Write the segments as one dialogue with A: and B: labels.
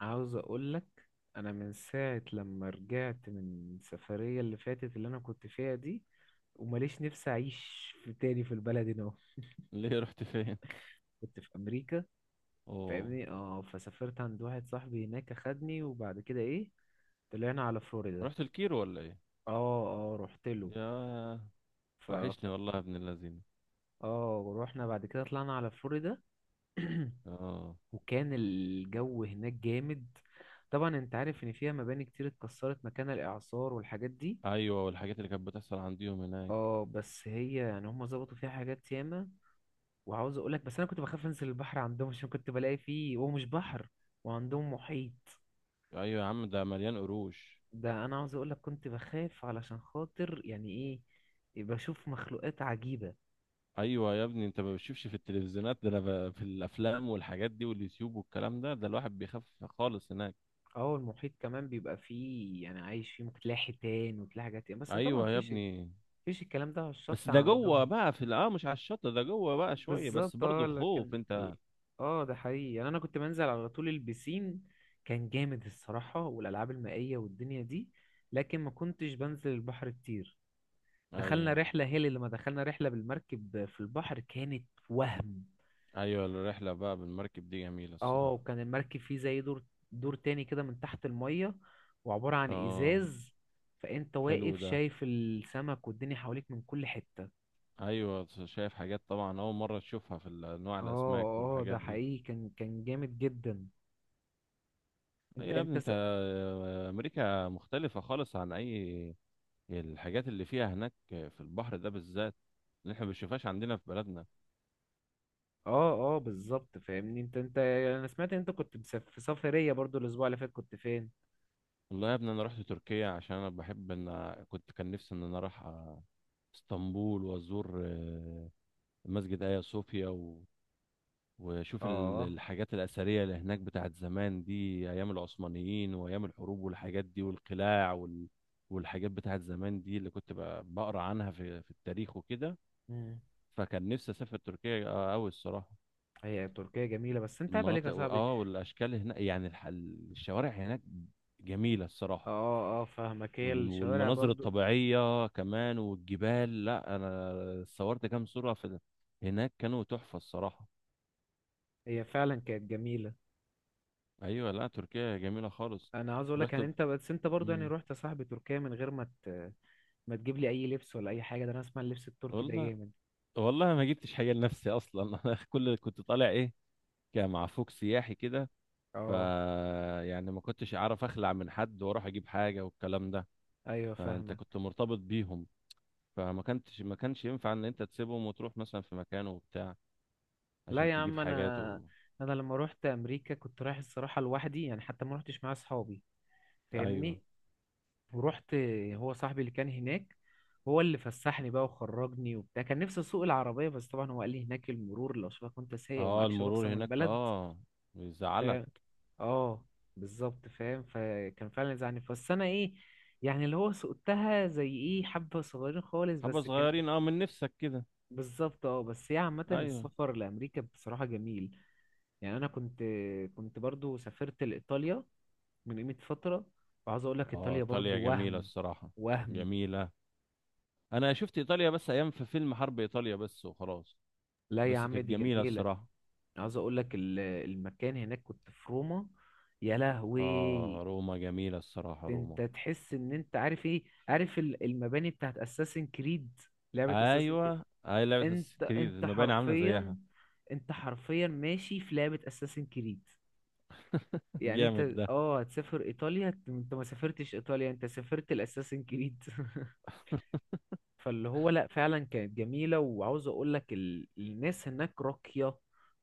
A: عاوز اقول لك، انا من ساعة لما رجعت من السفرية اللي فاتت اللي انا كنت فيها دي وماليش نفسي اعيش في تاني في البلد هنا أهو.
B: ليه رحت فين؟
A: كنت في امريكا
B: اوه.
A: فاهمني. اه فسافرت عند واحد صاحبي هناك اخدني، وبعد كده ايه طلعنا على فلوريدا.
B: رحت الكيرو ولا ايه؟
A: اه اه، رحت له.
B: يا
A: ف
B: وحشني والله يا ابن اللذين.
A: اه ورحنا بعد كده طلعنا على فلوريدا.
B: اه.
A: وكان الجو هناك جامد. طبعا انت عارف ان فيها مباني كتير اتكسرت مكان الاعصار والحاجات دي.
B: ايوه، والحاجات اللي كانت بتحصل عنديهم هناك.
A: اه، بس هي يعني هم ظبطوا فيها حاجات ياما. وعاوز اقول لك بس، انا كنت بخاف انزل البحر عندهم، عشان كنت بلاقي فيه هو مش بحر، وعندهم محيط.
B: ايوه يا عم، ده مليان قروش.
A: ده انا عاوز اقول لك كنت بخاف، علشان خاطر يعني ايه؟ بشوف مخلوقات عجيبة.
B: ايوه يا ابني، انت ما بتشوفش في التلفزيونات، ده انا في الافلام والحاجات دي واليوتيوب والكلام ده الواحد بيخاف خالص هناك.
A: اه، المحيط كمان بيبقى فيه يعني عايش فيه، ممكن تلاقي حيتان وتلاقي حاجات ياما، بس طبعا
B: ايوه يا
A: مفيش
B: ابني،
A: مفيش الكلام ده على
B: بس
A: الشط
B: ده
A: عندهم.
B: جوه بقى في مش على الشط، ده جوه بقى شويه بس
A: بالظبط. اه،
B: برضه خوف انت.
A: ده حقيقي، يعني انا كنت بنزل على طول البسين. كان جامد الصراحة، والالعاب المائية والدنيا دي. لكن ما كنتش بنزل البحر كتير. دخلنا
B: ايوه.
A: رحلة هي اللي لما دخلنا رحلة بالمركب في البحر كانت وهم.
B: ايوه، الرحله بقى بالمركب دي جميله
A: اه،
B: الصراحه.
A: وكان المركب فيه زي دور. دور تاني كده من تحت المية، وعبارة عن
B: اه.
A: ازاز. فانت
B: حلو
A: واقف
B: ده.
A: شايف السمك والدنيا حواليك من كل حتة.
B: ايوه، شايف حاجات طبعا اول مره تشوفها في انواع
A: اه
B: الاسماك
A: اه، ده
B: والحاجات دي.
A: حقيقي، كان جامد جدا. انت
B: ايوه يا
A: انت
B: ابني، انت امريكا مختلفه خالص عن اي الحاجات اللي فيها هناك في البحر ده بالذات، اللي احنا ما بنشوفهاش عندنا في بلدنا.
A: اه اه، بالظبط فاهمني. انت، يعني انا سمعت ان انت كنت مسافر في سفرية برضو، الاسبوع اللي فات كنت فين؟
B: والله يا ابني، انا رحت تركيا عشان انا بحب ان كان نفسي ان انا اروح اسطنبول، وازور مسجد ايا صوفيا، وشوف
A: اه.
B: الحاجات الأثرية اللي هناك بتاعت زمان دي، أيام العثمانيين وأيام الحروب والحاجات دي والقلاع والحاجات بتاعت زمان دي اللي كنت بقرا عنها في التاريخ وكده.
A: مم.
B: فكان نفسي أسافر تركيا أوي الصراحة.
A: هي تركيا جميلة، بس انت عيب عليك يا
B: المناطق
A: صاحبي.
B: والأشكال هناك يعني الشوارع هناك جميلة
A: اه
B: الصراحة.
A: اه، آه، فاهمك. هي الشوارع
B: والمناظر
A: برضو
B: الطبيعية كمان والجبال. لا، أنا صورت كام صورة في هناك كانوا تحفة الصراحة.
A: هي فعلا كانت جميلة.
B: أيوة، لا تركيا جميلة خالص.
A: انا عاوز اقول لك
B: ورحت.
A: يعني انت، بس انت برضو يعني
B: مم.
A: رحت يا صاحبي تركيا من غير ما ما تجيب لي اي لبس ولا اي حاجة. ده انا اسمع اللبس التركي ده
B: والله.
A: جامد.
B: والله ما جبتش حاجه لنفسي اصلا. انا كل اللي كنت طالع ايه، كان مع فوق سياحي كده. ف
A: اه،
B: يعني ما كنتش اعرف اخلع من حد واروح اجيب حاجه والكلام ده.
A: ايوه
B: فانت
A: فاهمك.
B: كنت مرتبط بيهم، فما كنتش ما كانش ينفع ان انت تسيبهم وتروح مثلا في مكان وبتاع
A: لا
B: عشان
A: يا
B: تجيب
A: عم،
B: حاجات
A: انا
B: و...
A: انا لما روحت امريكا كنت رايح الصراحة لوحدي، يعني حتى ما روحتش مع اصحابي.
B: ايوه.
A: فاهمني. ورحت. هو صاحبي اللي كان هناك، هو اللي فسحني بقى وخرجني وبتاع. كان نفسي اسوق العربية، بس طبعا هو قال لي هناك المرور لو شافك وانت سايق
B: اه،
A: ومعكش
B: المرور
A: رخصة من
B: هناك،
A: البلد.
B: اه، بيزعلك.
A: فاهم. اه، بالظبط فاهم، فكان فعلا زعلني، بس انا ايه؟ يعني اللي هو سقتها زي ايه حبة صغيرين خالص
B: حبه
A: بس كان.
B: صغيرين، من نفسك كده.
A: بالظبط. اه، بس هي عامة
B: ايوه.
A: السفر لأمريكا بصراحة جميل. يعني أنا كنت برضو سافرت لإيطاليا من قيمة فترة، وعاوز أقول لك
B: اه،
A: إيطاليا
B: ايطاليا
A: برضو
B: جميله
A: وهم.
B: الصراحه،
A: وهم.
B: جميله. انا شفت ايطاليا بس ايام في فيلم حرب ايطاليا بس وخلاص.
A: لا يا
B: بس
A: عم،
B: كانت
A: دي
B: جميلة
A: جميلة.
B: الصراحة.
A: عاوز اقول لك المكان هناك، كنت في روما. يا لهوي،
B: اه، روما جميلة الصراحة،
A: انت
B: روما.
A: تحس ان انت عارف ايه، عارف المباني بتاعت اساسن كريد، لعبة اساسن كريد.
B: ايوه، اي لعبة اساس
A: انت
B: كتير
A: انت
B: المباني عاملة
A: حرفيا
B: زيها.
A: انت حرفيا ماشي في لعبة اساسن كريد. يعني
B: جامد
A: انت
B: ده.
A: هتسافر ايطاليا، أنت ما سافرتش ايطاليا، انت سافرت الاساسن كريد. فاللي هو لا، فعلا كانت جميلة، وعاوز اقول لك الناس هناك راقية،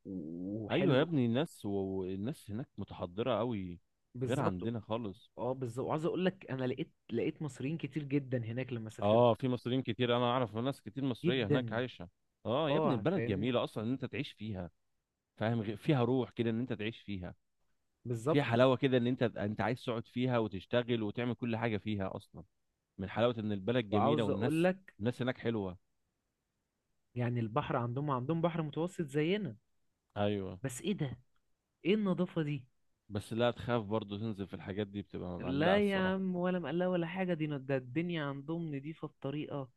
B: ايوه يا
A: وحلوة.
B: ابني، الناس هناك متحضرة قوي، غير
A: بالظبط.
B: عندنا خالص.
A: اه، بالظبط، وعاوز اقول لك انا لقيت مصريين كتير جدا هناك لما سافرت،
B: اه، في مصريين كتير، انا اعرف ناس كتير مصرية هناك
A: جدا.
B: عايشة. اه يا ابني،
A: اه
B: البلد
A: فاهم.
B: جميلة اصلا ان انت تعيش فيها. فاهم، فيها روح كده ان انت تعيش فيها، فيها
A: بالظبط.
B: حلاوة كده ان انت عايز تقعد فيها وتشتغل وتعمل كل حاجة فيها اصلا، من حلاوة ان البلد جميلة
A: وعاوز اقول
B: والناس،
A: لك
B: الناس هناك حلوة.
A: يعني البحر عندهم، عندهم بحر متوسط زينا.
B: ايوه.
A: بس ايه ده، ايه النظافة دي؟
B: بس لا تخاف برضو تنزل في الحاجات دي، بتبقى
A: لا
B: مقلقة
A: يا
B: الصراحة.
A: عم، ولا مقلاة ولا حاجة، دي ده الدنيا عندهم نضيفة بطريقة،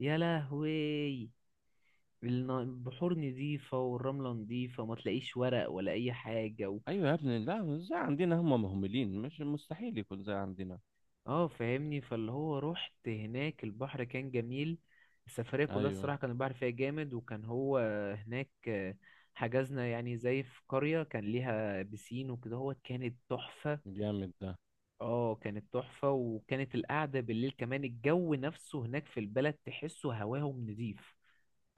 A: يا لهوي. البحور نضيفة والرملة نضيفة وما تلاقيش ورق ولا اي حاجة.
B: ايوه يا ابني، لا مش زي عندنا، هم مهملين، مش مستحيل يكون زي عندنا.
A: اه فاهمني، فاللي هو رحت هناك البحر كان جميل، السفرية كلها
B: ايوه،
A: الصراحة كان البحر فيها جامد. وكان هو هناك، حجزنا يعني زي في قرية كان ليها بسين وكده، هو كانت تحفة.
B: جامد ده.
A: اه، كانت تحفة، وكانت القعدة بالليل كمان، الجو نفسه هناك في البلد تحسه هواهم نضيف.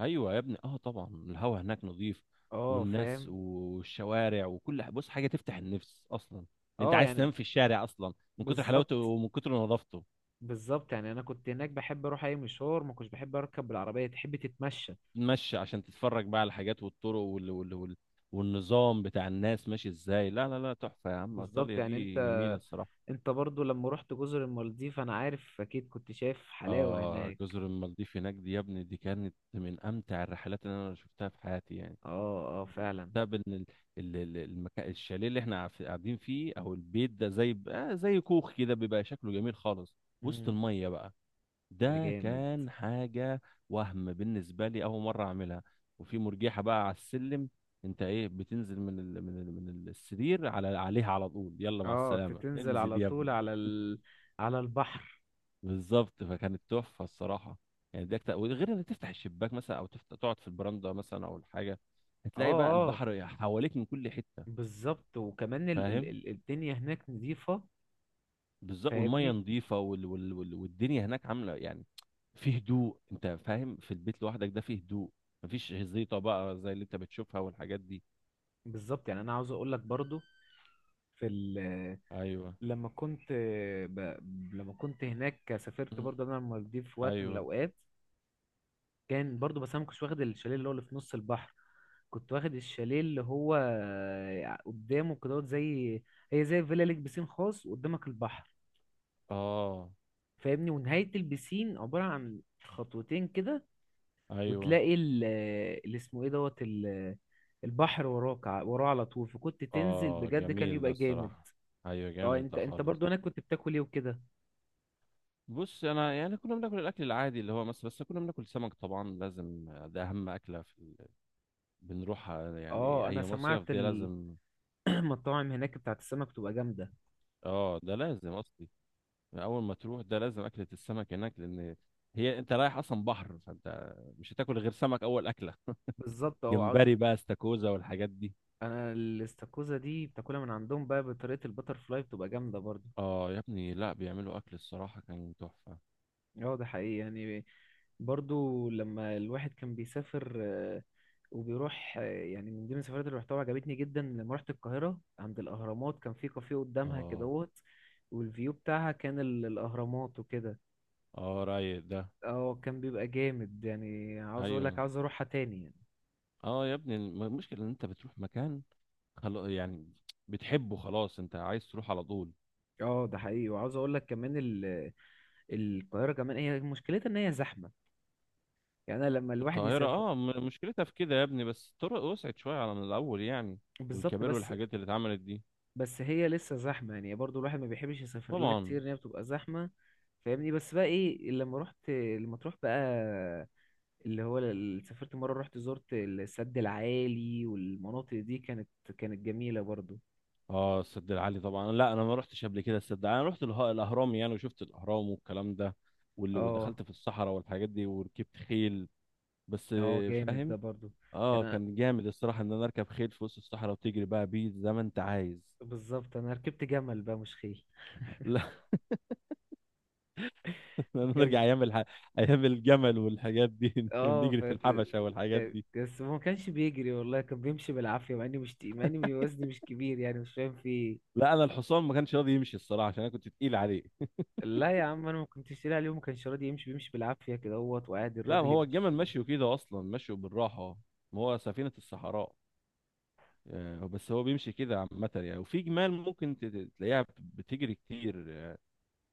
B: ايوه يا ابني، طبعا الهوا هناك نظيف،
A: اه
B: والناس
A: فاهم.
B: والشوارع وكل بص حاجة تفتح النفس اصلا. انت
A: اه،
B: عايز تنام
A: يعني
B: في الشارع اصلا من كتر حلاوته
A: بالظبط.
B: ومن كتر نظافته.
A: بالظبط يعني انا كنت هناك بحب اروح اي مشوار، ما كنتش بحب اركب بالعربية، تحب تتمشى.
B: تمشي عشان تتفرج بقى على الحاجات والطرق والنظام بتاع الناس ماشي ازاي. لا لا لا، تحفة يا عم،
A: بالظبط،
B: ايطاليا
A: يعني انت
B: دي جميلة الصراحة.
A: انت برضو لما رحت جزر المالديف، انا عارف اكيد كنت شايف حلاوة
B: اه،
A: هناك.
B: جزر المالديف هناك دي يا ابني، دي كانت من امتع الرحلات اللي انا شفتها في حياتي يعني.
A: اه اه، فعلا.
B: بسبب ان ال- ال- ال- المكان الشاليه اللي احنا قاعدين فيه، او البيت ده زي زي كوخ كده بيبقى شكله جميل خالص، وسط
A: مم.
B: الميه بقى.
A: ده
B: ده
A: جامد.
B: كان حاجه، وهم بالنسبه لي اول مره اعملها. وفي مرجحه بقى على السلم. انت ايه، بتنزل من السرير عليها على طول، يلا مع
A: اه،
B: السلامه
A: تتنزل
B: انزل
A: على
B: يا
A: طول
B: ابني.
A: على البحر.
B: بالظبط، فكانت تحفه الصراحه. يعني دي أكتر، وغير انك تفتح الشباك مثلا او تقعد في البراندة مثلا او الحاجه،
A: اه
B: هتلاقي بقى
A: اه،
B: البحر حواليك من كل حته.
A: بالظبط، وكمان
B: فاهم.
A: الدنيا هناك نظيفة.
B: بالظبط، والميه
A: فاهمني.
B: نظيفه والدنيا هناك عامله يعني في هدوء، انت فاهم، في البيت لوحدك ده فيه هدوء، مفيش زيطه بقى زي اللي انت بتشوفها والحاجات دي.
A: بالظبط، يعني انا عاوز اقول لك برضو في ال...
B: ايوه.
A: لما كنت ب... لما كنت هناك سافرت
B: مم.
A: برضو انا المالديف في وقت من
B: ايوه.
A: الاوقات، كان برضو، بس انا ما كنتش واخد الشاليه اللي هو اللي في نص البحر، كنت واخد الشاليه اللي هو قدامه كده، زي، هي زي فيلا ليك بسين خاص وقدامك البحر.
B: اه.
A: فاهمني، ونهاية البسين عبارة عن خطوتين كده.
B: ايوه.
A: وتلاقي اللي اسمه ايه دوت البحر وراك، وراه على طول، فكنت تنزل
B: اه،
A: بجد، كان
B: جميل ده
A: يبقى جامد.
B: الصراحه. ايوه،
A: اه،
B: جامد
A: انت
B: ده
A: انت
B: خالص.
A: برضو هناك كنت بتاكل ايه وكده؟
B: بص، انا يعني كنا بناكل الاكل العادي اللي هو مصر، بس كنا بناكل سمك طبعا لازم، ده اهم اكله في بنروح يعني
A: اه، انا
B: اي مصيف
A: سمعت
B: ده لازم.
A: المطاعم هناك بتاعت السمك تبقى جامدة.
B: اه، ده لازم اصلي، اول ما تروح ده لازم اكله السمك هناك، لان هي انت رايح اصلا بحر فانت مش هتاكل غير سمك اول اكله.
A: بالظبط. اه،
B: جمبري بقى، استاكوزا والحاجات دي.
A: انا الاستاكوزا دي بتاكلها من عندهم بقى بطريقة البتر فلاي، بتبقى جامدة برضو.
B: اه يا ابني، لا بيعملوا اكل، الصراحه كان تحفه.
A: اه، ده حقيقي، يعني برضو لما الواحد كان بيسافر وبيروح، يعني من ضمن السفرات اللي رحتها عجبتني جدا لما رحت القاهرة عند الأهرامات، كان في كافيه قدامها
B: اه.
A: كدهوت، والفيو بتاعها كان الأهرامات وكده.
B: اه، رايق ده.
A: اه، كان بيبقى جامد، يعني عاوز اقول لك
B: ايوه.
A: عاوز اروحها تاني يعني.
B: اه يا ابني، المشكله ان انت بتروح مكان، خلاص يعني بتحبه، خلاص انت عايز تروح على طول.
A: اه، ده حقيقي، وعاوز اقول لك كمان القاهرة كمان هي مشكلتها ان هي زحمة. يعني أنا لما الواحد
B: القاهرة
A: يسافر.
B: مشكلتها في كده يا ابني، بس الطرق وسعت شوية على من الأول يعني،
A: بالظبط
B: والكباري
A: بس
B: والحاجات اللي اتعملت دي.
A: بس هي لسه زحمة يعني، برضو الواحد ما بيحبش يسافر لها
B: طبعا.
A: كتير، ان هي بتبقى زحمة. فاهمني. بس بقى ايه، لما رحت، لما تروح بقى اللي هو سافرت مرة رحت زرت السد العالي والمناطق دي، كانت جميلة برضو.
B: اه، السد العالي طبعا، لا انا ما رحتش قبل كده السد العالي. انا رحت الاهرام يعني، وشفت الاهرام والكلام ده،
A: اه
B: ودخلت في الصحراء والحاجات دي، وركبت خيل. بس
A: اه، جامد ده
B: فاهم.
A: برضو.
B: اه،
A: يعني
B: كان جامد الصراحة ان انا اركب خيل في وسط الصحراء وتجري بقى بيه زي ما انت عايز.
A: بالظبط، انا ركبت جمل بقى مش خيل.
B: نرجع
A: كان
B: ايام ايام الجمل والحاجات دي.
A: اه
B: نجري
A: ف...
B: في الحبشه والحاجات
A: كان...
B: دي.
A: بس هو ما كانش بيجري والله، كان بيمشي بالعافية، مع اني مش تقيل- مع اني وزني مش كبير يعني، مش فاهم في ايه.
B: لا، انا الحصان ما كانش راضي يمشي الصراحه عشان انا كنت تقيل عليه.
A: لا يا عم، انا ما كنتش لاقي اليوم، كان شرادي يمشي، بيمشي بالعافيه كده اهوت، وقاعد
B: لا،
A: الراجل
B: هو الجمل
A: يمشي.
B: ماشي كده اصلا، ماشي بالراحه، ما هو سفينه الصحراء. بس هو بيمشي كده عامه يعني، وفي جمال ممكن تلاقيها بتجري كتير،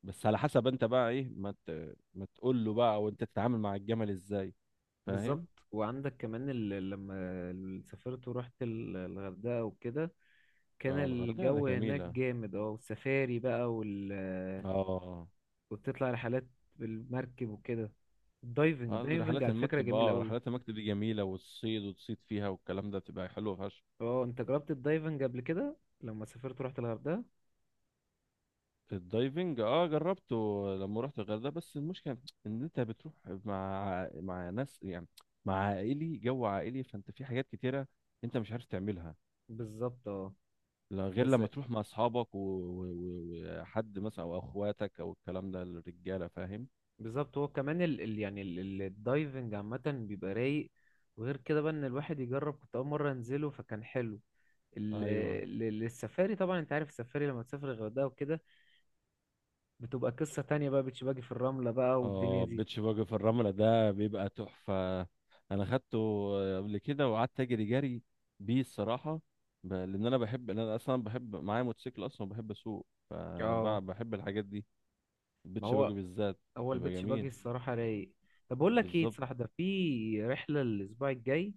B: بس على حسب انت بقى ايه ما تقول له بقى، وانت تتعامل مع الجمل ازاي. فاهم.
A: بالظبط، وعندك كمان لما سافرت ورحت الغردقه وكده، كان
B: اه، الغردقه ده
A: الجو هناك
B: جميله.
A: جامد. اه، والسفاري بقى،
B: اه.
A: وبتطلع رحلات بالمركب وكده. الدايفنج دايفنج
B: رحلات
A: على فكره
B: المكتب،
A: جميل قوي.
B: رحلات المكتب دي جميلة، والصيد وتصيد فيها والكلام ده بتبقى حلوة فشخ.
A: اه، انت جربت الدايفنج قبل كده لما سافرت ورحت الغردقه؟
B: الدايفنج، جربته لما رحت الغردقة. بس المشكلة ان انت بتروح مع ناس يعني، مع عائلي جو عائلي، فانت في حاجات كتيرة انت مش عارف تعملها.
A: بالظبط. اه،
B: لا، غير
A: بس
B: لما تروح مع اصحابك وحد مثلا او اخواتك او الكلام ده، الرجالة فاهم.
A: بالظبط، هو كمان يعني الدايفنج عامة بيبقى رايق، وغير كده بقى ان الواحد يجرب، كنت اول مرة انزله فكان حلو. ال...
B: ايوه.
A: السفاري طبعا انت عارف السفاري لما تسافر الغردقة وكده بتبقى قصة تانية بقى، بيتش باجي في الرملة بقى والدنيا
B: اه،
A: دي.
B: بيتش باجي في الرملة ده بيبقى تحفة. انا خدته قبل كده، وقعدت اجري جري بيه الصراحة. لان انا بحب، لأن انا اصلا بحب معايا موتوسيكل اصلا وبحب اسوق، فانا
A: اه.
B: بحب الحاجات دي،
A: ما
B: البيتش باجي
A: هو،
B: بالذات
A: هو
B: بيبقى
A: البيتش باجي
B: جميل.
A: الصراحة رايق. طب بقول لك ايه
B: بالظبط.
A: صراحة، ده في رحلة الأسبوع الجاي،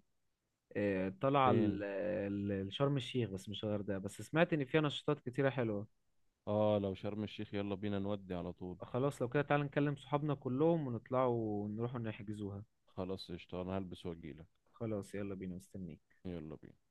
A: آه، طالعة
B: فين؟
A: لشرم الشيخ، بس مش الغردقة، بس سمعت إن فيها نشاطات كتيرة حلوة.
B: اه، لو شرم الشيخ، يلا بينا نودي على طول.
A: خلاص، لو كده تعالى نكلم صحابنا كلهم ونطلعوا ونروحوا نحجزوها.
B: خلاص، قشطة، انا هلبس واجيلك.
A: خلاص، يلا بينا مستنيك.
B: يلا بينا.